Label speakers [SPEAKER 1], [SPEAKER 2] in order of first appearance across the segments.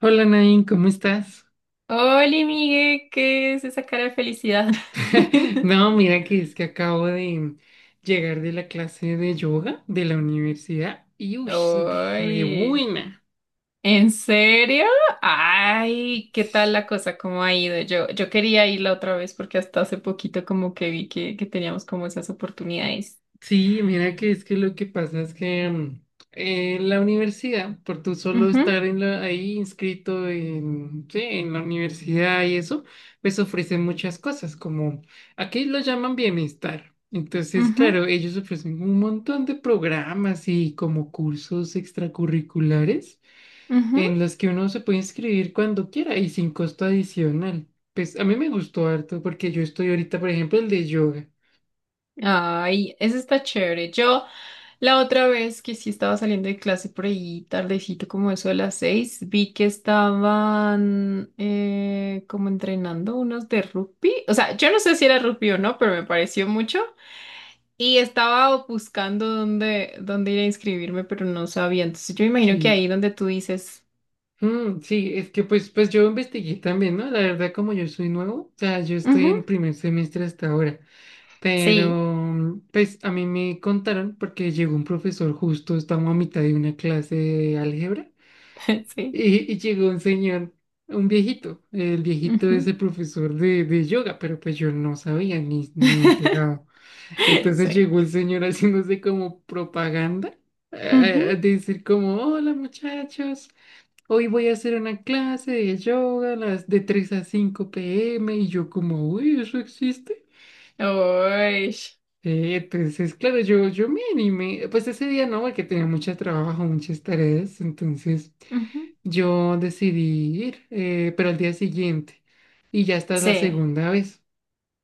[SPEAKER 1] Hola Nain, ¿cómo estás?
[SPEAKER 2] Hola, Miguel, ¿qué es esa cara de felicidad?
[SPEAKER 1] No, mira que es que acabo de llegar de la clase de yoga de la universidad y uy, re
[SPEAKER 2] ¡Ay!
[SPEAKER 1] buena.
[SPEAKER 2] ¿En serio? Ay, ¿qué tal la cosa? ¿Cómo ha ido? Yo quería ir la otra vez porque hasta hace poquito como que vi que teníamos como esas oportunidades.
[SPEAKER 1] Sí, mira que es que lo que pasa es que en la universidad, por tú solo
[SPEAKER 2] Ujú,
[SPEAKER 1] estar ahí inscrito en, sí, en la universidad y eso, pues ofrecen muchas cosas, como aquí lo llaman bienestar. Entonces,
[SPEAKER 2] ujú,
[SPEAKER 1] claro, ellos ofrecen un montón de programas y como cursos extracurriculares
[SPEAKER 2] ujú.
[SPEAKER 1] en los que uno se puede inscribir cuando quiera y sin costo adicional. Pues a mí me gustó harto porque yo estoy ahorita, por ejemplo, el de yoga.
[SPEAKER 2] Ay, eso está chévere. Yo La otra vez que sí estaba saliendo de clase por ahí tardecito, como eso de las 6, vi que estaban como entrenando unos de rugby. O sea, yo no sé si era rugby o no, pero me pareció mucho. Y estaba buscando dónde ir a inscribirme, pero no sabía. Entonces yo me imagino que
[SPEAKER 1] Sí.
[SPEAKER 2] ahí donde tú dices,
[SPEAKER 1] Mm, sí, es que pues yo investigué también, ¿no? La verdad, como yo soy nuevo, o sea, yo estoy
[SPEAKER 2] "Ujú,
[SPEAKER 1] en primer semestre hasta ahora,
[SPEAKER 2] sí,
[SPEAKER 1] pero pues a mí me contaron porque llegó un profesor justo, estamos a mitad de una clase de álgebra
[SPEAKER 2] sí,
[SPEAKER 1] y llegó un señor, un viejito, el viejito es
[SPEAKER 2] ujú,
[SPEAKER 1] el profesor de yoga, pero pues yo no sabía ni enterado. Entonces
[SPEAKER 2] sí,
[SPEAKER 1] llegó el señor haciéndose como propaganda,
[SPEAKER 2] ujú,
[SPEAKER 1] a decir como, hola muchachos. Hoy voy a hacer una clase de yoga a las de 3 a 5 p.m. y yo como, uy, ¿eso existe?
[SPEAKER 2] uy,
[SPEAKER 1] Entonces, claro, yo me animé, pues ese día no, porque tenía mucho trabajo, muchas tareas, entonces
[SPEAKER 2] ujú,
[SPEAKER 1] yo decidí ir, pero al día siguiente, y ya esta es la
[SPEAKER 2] sí.
[SPEAKER 1] segunda vez.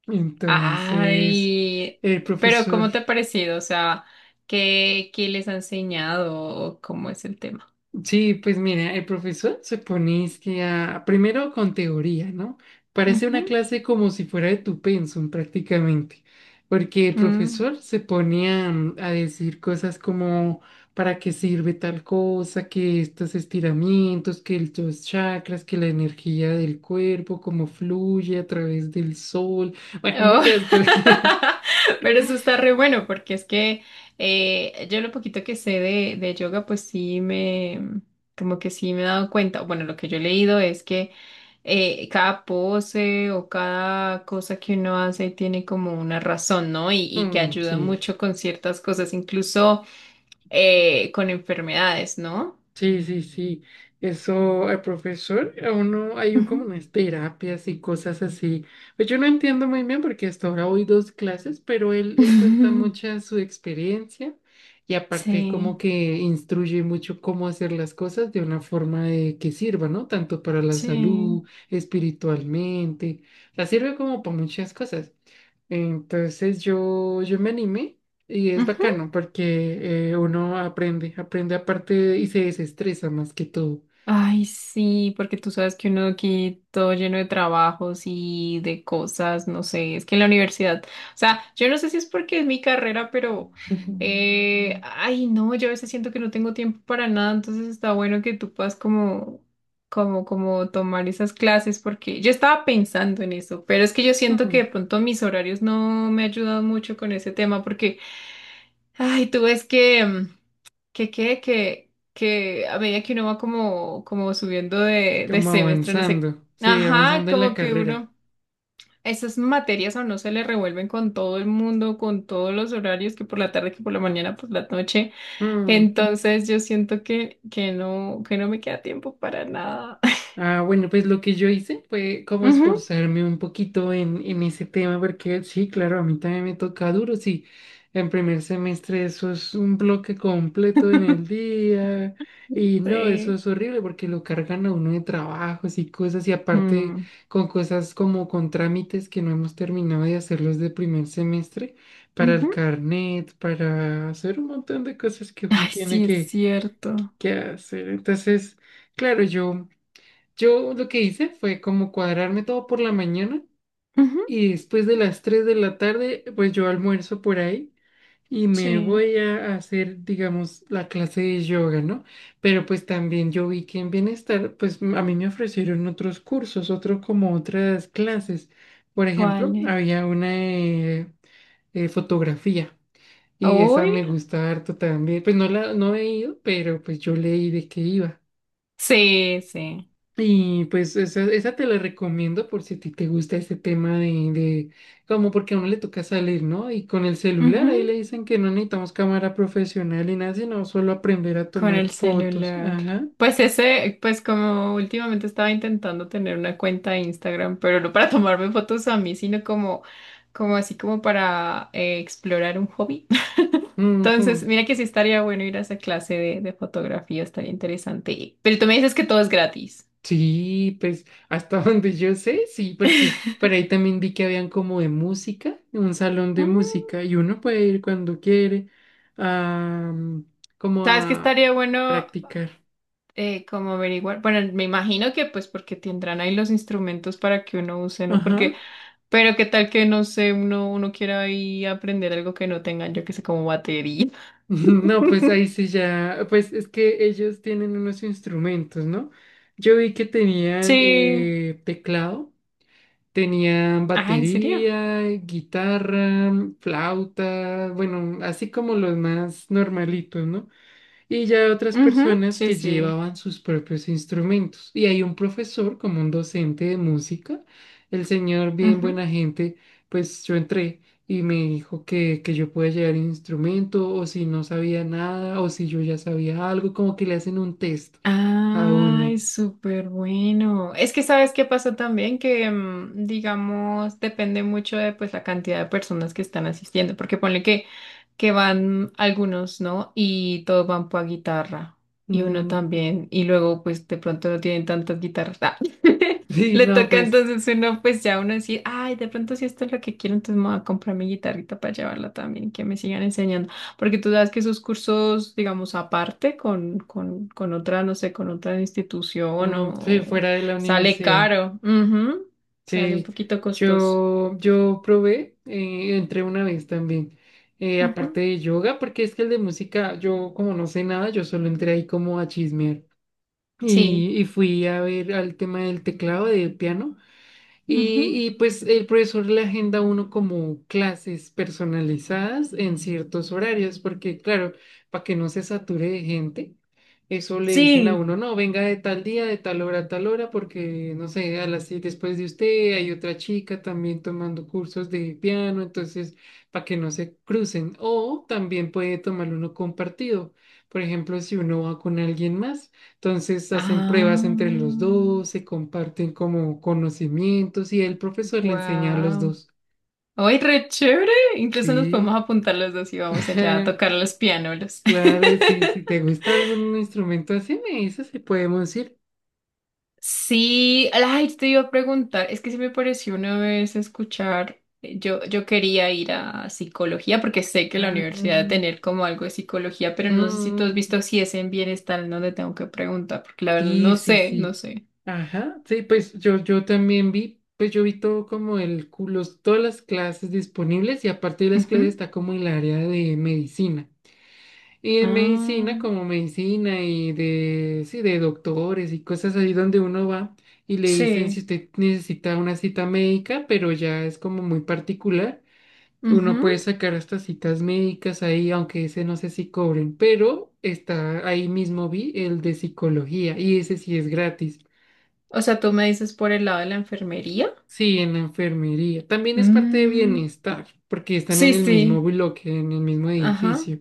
[SPEAKER 1] Entonces,
[SPEAKER 2] Ay,
[SPEAKER 1] el
[SPEAKER 2] pero
[SPEAKER 1] profesor.
[SPEAKER 2] ¿cómo te ha parecido? O sea, ¿qué les ha enseñado o cómo es el tema?
[SPEAKER 1] Sí, pues mira, el profesor se pone es que primero con teoría, ¿no? Parece
[SPEAKER 2] Ujú,
[SPEAKER 1] una clase como si fuera de tu pensum prácticamente, porque el
[SPEAKER 2] mm,
[SPEAKER 1] profesor se pone a, a decir cosas como para qué sirve tal cosa, que estos estiramientos, que los chakras, que la energía del cuerpo, cómo fluye a través del sol, bueno,
[SPEAKER 2] oh.
[SPEAKER 1] muchas cosas.
[SPEAKER 2] Pero eso está re bueno porque es que yo lo poquito que sé de yoga, pues sí me, como que sí me he dado cuenta, bueno, lo que yo he leído es que cada pose o cada cosa que uno hace tiene como una razón, ¿no? Y que
[SPEAKER 1] Mm,
[SPEAKER 2] ayuda
[SPEAKER 1] sí.
[SPEAKER 2] mucho con ciertas cosas, incluso con enfermedades, ¿no?
[SPEAKER 1] Sí, sí, sí. Eso, el profesor, a uno hay un,
[SPEAKER 2] Ujú.
[SPEAKER 1] como unas terapias y cosas así. Pues yo no entiendo muy bien porque hasta ahora voy dos clases, pero él cuenta mucha su experiencia y aparte como
[SPEAKER 2] Sí,
[SPEAKER 1] que instruye mucho cómo hacer las cosas de una forma de que sirva, ¿no? Tanto para la
[SPEAKER 2] sí.
[SPEAKER 1] salud, espiritualmente. La sirve como para muchas cosas. Entonces yo me animé y es
[SPEAKER 2] Ujú.
[SPEAKER 1] bacano porque uno aprende, y se desestresa más que todo.
[SPEAKER 2] Ay, sí, porque tú sabes que uno aquí todo lleno de trabajos y de cosas, no sé, es que en la universidad, o sea, yo no sé si es porque es mi carrera, pero, ay, no, yo a veces siento que no tengo tiempo para nada, entonces está bueno que tú puedas como, como tomar esas clases, porque yo estaba pensando en eso, pero es que yo siento que de
[SPEAKER 1] Mm,
[SPEAKER 2] pronto mis horarios no me ayudan mucho con ese tema, porque, ay, tú ves que que quede que a medida que uno va como, como subiendo de
[SPEAKER 1] como
[SPEAKER 2] semestre, no sé,
[SPEAKER 1] avanzando, sí,
[SPEAKER 2] ajá,
[SPEAKER 1] avanzando en la
[SPEAKER 2] como que
[SPEAKER 1] carrera.
[SPEAKER 2] uno, esas materias a no se le revuelven con todo el mundo, con todos los horarios, que por la tarde, que por la mañana, por la noche.
[SPEAKER 1] Mm.
[SPEAKER 2] Entonces yo siento que no, que no me queda tiempo para nada.
[SPEAKER 1] Ah, bueno, pues lo que yo hice fue como
[SPEAKER 2] Ujú,
[SPEAKER 1] esforzarme un poquito en ese tema, porque sí, claro, a mí también me toca duro, sí. En primer semestre eso es un bloque completo en el día y no, eso
[SPEAKER 2] sí.
[SPEAKER 1] es horrible porque lo cargan a uno de trabajos y cosas y aparte
[SPEAKER 2] Mm,
[SPEAKER 1] con cosas como con trámites que no hemos terminado de hacerlos de primer semestre para el
[SPEAKER 2] ujú.
[SPEAKER 1] carnet, para hacer un montón de cosas que uno
[SPEAKER 2] Ay,
[SPEAKER 1] tiene
[SPEAKER 2] sí, es cierto.
[SPEAKER 1] que hacer. Entonces, claro, yo... Yo lo que hice fue como cuadrarme todo por la mañana
[SPEAKER 2] Ujú,
[SPEAKER 1] y después de las 3 de la tarde, pues yo almuerzo por ahí y me
[SPEAKER 2] sí.
[SPEAKER 1] voy a hacer, digamos, la clase de yoga, ¿no? Pero pues también yo vi que en Bienestar, pues a mí me ofrecieron otros cursos, otro como otras clases. Por ejemplo,
[SPEAKER 2] ¿Cuáles?
[SPEAKER 1] había una de fotografía y esa
[SPEAKER 2] ¿Hoy?
[SPEAKER 1] me gusta harto también. Pues no he ido, pero pues yo leí de qué iba.
[SPEAKER 2] Sí, sí.
[SPEAKER 1] Y pues esa te la recomiendo por si a ti te gusta ese tema de como porque a uno le toca salir, ¿no? Y con el celular ahí le dicen que no necesitamos cámara profesional y nada, sino solo aprender a
[SPEAKER 2] Con
[SPEAKER 1] tomar
[SPEAKER 2] el
[SPEAKER 1] fotos.
[SPEAKER 2] celular.
[SPEAKER 1] Ajá.
[SPEAKER 2] Pues ese, pues como últimamente estaba intentando tener una cuenta de Instagram, pero no para tomarme fotos a mí, sino como, como así como para explorar un hobby. Entonces,
[SPEAKER 1] Ujú.
[SPEAKER 2] mira que sí estaría bueno ir a esa clase de fotografía, estaría interesante. Pero tú me dices que todo es gratis.
[SPEAKER 1] Sí, pues hasta donde yo sé, sí, porque por ahí también vi que habían como de música, un salón de
[SPEAKER 2] Mm,
[SPEAKER 1] música, y uno puede ir cuando quiere a, como
[SPEAKER 2] ¿Sabes qué
[SPEAKER 1] a
[SPEAKER 2] estaría bueno
[SPEAKER 1] practicar.
[SPEAKER 2] como averiguar? Bueno, me imagino que pues porque tendrán ahí los instrumentos para que uno use, ¿no?
[SPEAKER 1] Ajá.
[SPEAKER 2] Porque Pero qué tal que no sé, uno quiera ahí aprender algo que no tengan, yo que sé, como batería.
[SPEAKER 1] No, pues ahí sí ya, pues es que ellos tienen unos instrumentos, ¿no? Yo vi que tenían
[SPEAKER 2] Sí.
[SPEAKER 1] teclado, tenían
[SPEAKER 2] Ah, ¿en serio?
[SPEAKER 1] batería, guitarra, flauta, bueno, así como los más normalitos, ¿no? Y ya hay otras
[SPEAKER 2] Ujú,
[SPEAKER 1] personas
[SPEAKER 2] sí,
[SPEAKER 1] que
[SPEAKER 2] sí.
[SPEAKER 1] llevaban sus propios instrumentos. Y hay un profesor, como un docente de música, el señor bien
[SPEAKER 2] Ujú.
[SPEAKER 1] buena gente, pues yo entré y me dijo que yo podía llevar el instrumento o si no sabía nada o si yo ya sabía algo, como que le hacen un test a uno.
[SPEAKER 2] Ay, súper bueno. Es que sabes qué pasó también, que digamos, depende mucho de pues la cantidad de personas que están asistiendo, porque ponle que van algunos, ¿no? Y todos van por guitarra, y uno
[SPEAKER 1] Mm,
[SPEAKER 2] también, y luego pues de pronto no tienen tantas guitarras. Ah,
[SPEAKER 1] sí,
[SPEAKER 2] le
[SPEAKER 1] no,
[SPEAKER 2] toca
[SPEAKER 1] pues
[SPEAKER 2] entonces uno pues ya uno decir, ay, de pronto si esto es lo que quiero, entonces me voy a comprar mi guitarrita para llevarla también, que me sigan enseñando. Porque tú sabes que esos cursos, digamos, aparte con, con otra, no sé, con otra institución
[SPEAKER 1] mm, sí,
[SPEAKER 2] o
[SPEAKER 1] fuera de la
[SPEAKER 2] sale
[SPEAKER 1] universidad.
[SPEAKER 2] caro. Ujú. Sale un
[SPEAKER 1] Sí,
[SPEAKER 2] poquito costoso.
[SPEAKER 1] yo probé, entré una vez también, aparte
[SPEAKER 2] Ujú.
[SPEAKER 1] de yoga, porque es que el de música, yo como no sé nada, yo solo entré ahí como a chismear
[SPEAKER 2] Sí.
[SPEAKER 1] y fui a ver al tema del teclado, del piano.
[SPEAKER 2] Ujú.
[SPEAKER 1] Pues el profesor le agenda a uno como clases personalizadas en ciertos horarios, porque claro, para que no se sature de gente, eso le dicen a
[SPEAKER 2] Sí.
[SPEAKER 1] uno, no, venga de tal día, de tal hora a tal hora, porque no sé, a las siete después de usted hay otra chica también tomando cursos de piano, entonces para que no se crucen. O también puede tomar uno compartido, por ejemplo, si uno va con alguien más. Entonces hacen pruebas
[SPEAKER 2] Ah,
[SPEAKER 1] entre los dos, se comparten como conocimientos y el profesor le enseña a los
[SPEAKER 2] wow.
[SPEAKER 1] dos.
[SPEAKER 2] ¡Ay, re chévere! Incluso nos podemos
[SPEAKER 1] Sí,
[SPEAKER 2] apuntar los dos y vamos allá a tocar los pianolos.
[SPEAKER 1] claro, sí, si te gusta algún instrumento así, me dices si podemos ir.
[SPEAKER 2] Sí, ay, te iba a preguntar, es que se me pareció una vez escuchar, yo quería ir a psicología porque sé que la
[SPEAKER 1] Ah,
[SPEAKER 2] universidad debe tener como algo de psicología, pero no sé si tú has
[SPEAKER 1] mm,
[SPEAKER 2] visto si es en bienestar en donde tengo que preguntar, porque la verdad
[SPEAKER 1] sí,
[SPEAKER 2] no
[SPEAKER 1] sí,
[SPEAKER 2] sé, no
[SPEAKER 1] sí.
[SPEAKER 2] sé.
[SPEAKER 1] Ajá, sí, pues yo también vi, pues yo vi todo como todas las clases disponibles y aparte de las
[SPEAKER 2] Ujú.
[SPEAKER 1] clases está como el área de medicina. Y en
[SPEAKER 2] Ah,
[SPEAKER 1] medicina, como medicina y de, sí, de doctores y cosas así donde uno va y le dicen si
[SPEAKER 2] sí.
[SPEAKER 1] usted necesita una cita médica, pero ya es como muy particular, uno
[SPEAKER 2] Ujú.
[SPEAKER 1] puede sacar estas citas médicas ahí, aunque ese no sé si cobren, pero está ahí mismo vi el de psicología y ese sí es gratis.
[SPEAKER 2] O sea, tú me dices por el lado de la enfermería.
[SPEAKER 1] Sí, en la enfermería. También es parte de
[SPEAKER 2] Mm,
[SPEAKER 1] bienestar, porque están en
[SPEAKER 2] sí,
[SPEAKER 1] el
[SPEAKER 2] sí,
[SPEAKER 1] mismo bloque, en el mismo
[SPEAKER 2] ajá,
[SPEAKER 1] edificio.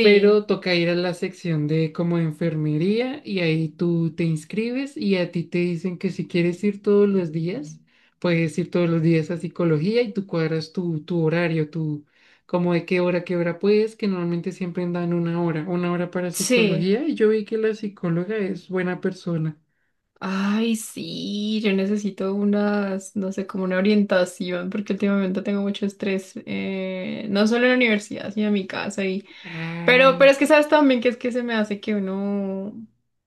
[SPEAKER 1] Pero toca ir a la sección de como enfermería y ahí tú te inscribes y a ti te dicen que si quieres ir todos los días, puedes ir todos los días a psicología y tú cuadras tu horario, tu, como de qué hora puedes, que normalmente siempre dan una hora para
[SPEAKER 2] sí.
[SPEAKER 1] psicología y yo vi que la psicóloga es buena persona.
[SPEAKER 2] Ay, sí, yo necesito unas, no sé, como una orientación, porque últimamente tengo mucho estrés, no solo en la universidad, sino en mi casa. Y... Pero
[SPEAKER 1] Ah,
[SPEAKER 2] es que sabes también que es que se me hace que uno,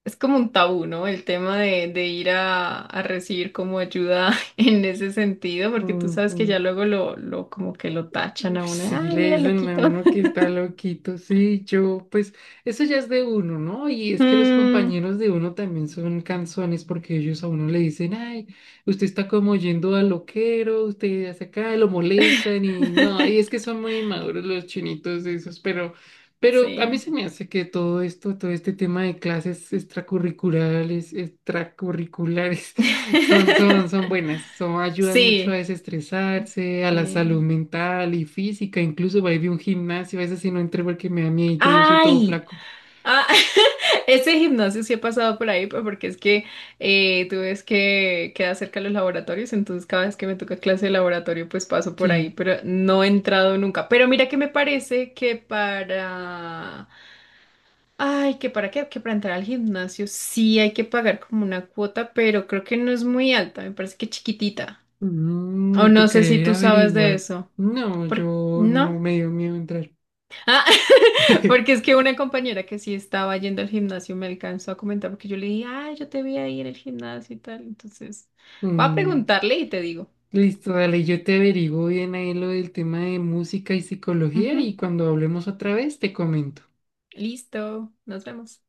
[SPEAKER 2] es como un tabú, ¿no? El tema de ir a recibir como ayuda en ese sentido, porque tú sabes que
[SPEAKER 1] ujú.
[SPEAKER 2] ya luego lo como que lo tachan a uno,
[SPEAKER 1] Sí,
[SPEAKER 2] ay,
[SPEAKER 1] le
[SPEAKER 2] mira, el
[SPEAKER 1] dicen a
[SPEAKER 2] loquito.
[SPEAKER 1] uno que está loquito, sí, yo, pues eso ya es de uno, ¿no? Y es que los
[SPEAKER 2] Mm,
[SPEAKER 1] compañeros de uno también son canzones porque ellos a uno le dicen, ay, usted está como yendo al loquero, usted hace acá, lo molestan y no, y es que son muy maduros los chinitos esos, pero a
[SPEAKER 2] sí.
[SPEAKER 1] mí se me hace que todo esto, todo este tema de clases extracurriculares, extracurriculares. Son buenas, son, ayudan mucho a
[SPEAKER 2] Sí.
[SPEAKER 1] desestresarse, a la
[SPEAKER 2] Sí.
[SPEAKER 1] salud mental y física, incluso va a ir a un gimnasio, a veces si no entro porque me da miedo, yo soy todo
[SPEAKER 2] Ay,
[SPEAKER 1] flaco.
[SPEAKER 2] ah, ese gimnasio sí he pasado por ahí, pues, porque es que tú ves que queda cerca de los laboratorios, entonces cada vez que me toca clase de laboratorio, pues paso por ahí,
[SPEAKER 1] Sí,
[SPEAKER 2] pero no he entrado nunca. Pero mira que me parece que para... Ay, que para qué, que para entrar al gimnasio sí hay que pagar como una cuota, pero creo que no es muy alta, me parece que chiquitita.
[SPEAKER 1] mm,
[SPEAKER 2] O
[SPEAKER 1] me
[SPEAKER 2] no sé
[SPEAKER 1] tocaría
[SPEAKER 2] si
[SPEAKER 1] ir
[SPEAKER 2] tú
[SPEAKER 1] a
[SPEAKER 2] sabes de
[SPEAKER 1] averiguar.
[SPEAKER 2] eso.
[SPEAKER 1] No,
[SPEAKER 2] ¿Por...?
[SPEAKER 1] yo
[SPEAKER 2] ¿No?
[SPEAKER 1] no me dio miedo entrar.
[SPEAKER 2] Ah, porque es que una compañera que sí estaba yendo al gimnasio me alcanzó a comentar porque yo le dije, ay, yo te vi ahí en el gimnasio y tal. Entonces, voy a
[SPEAKER 1] Mm,
[SPEAKER 2] preguntarle y te digo.
[SPEAKER 1] listo, dale, yo te averiguo bien ahí lo del tema de música y psicología
[SPEAKER 2] Ujú,
[SPEAKER 1] y cuando hablemos otra vez te comento.
[SPEAKER 2] listo, nos vemos.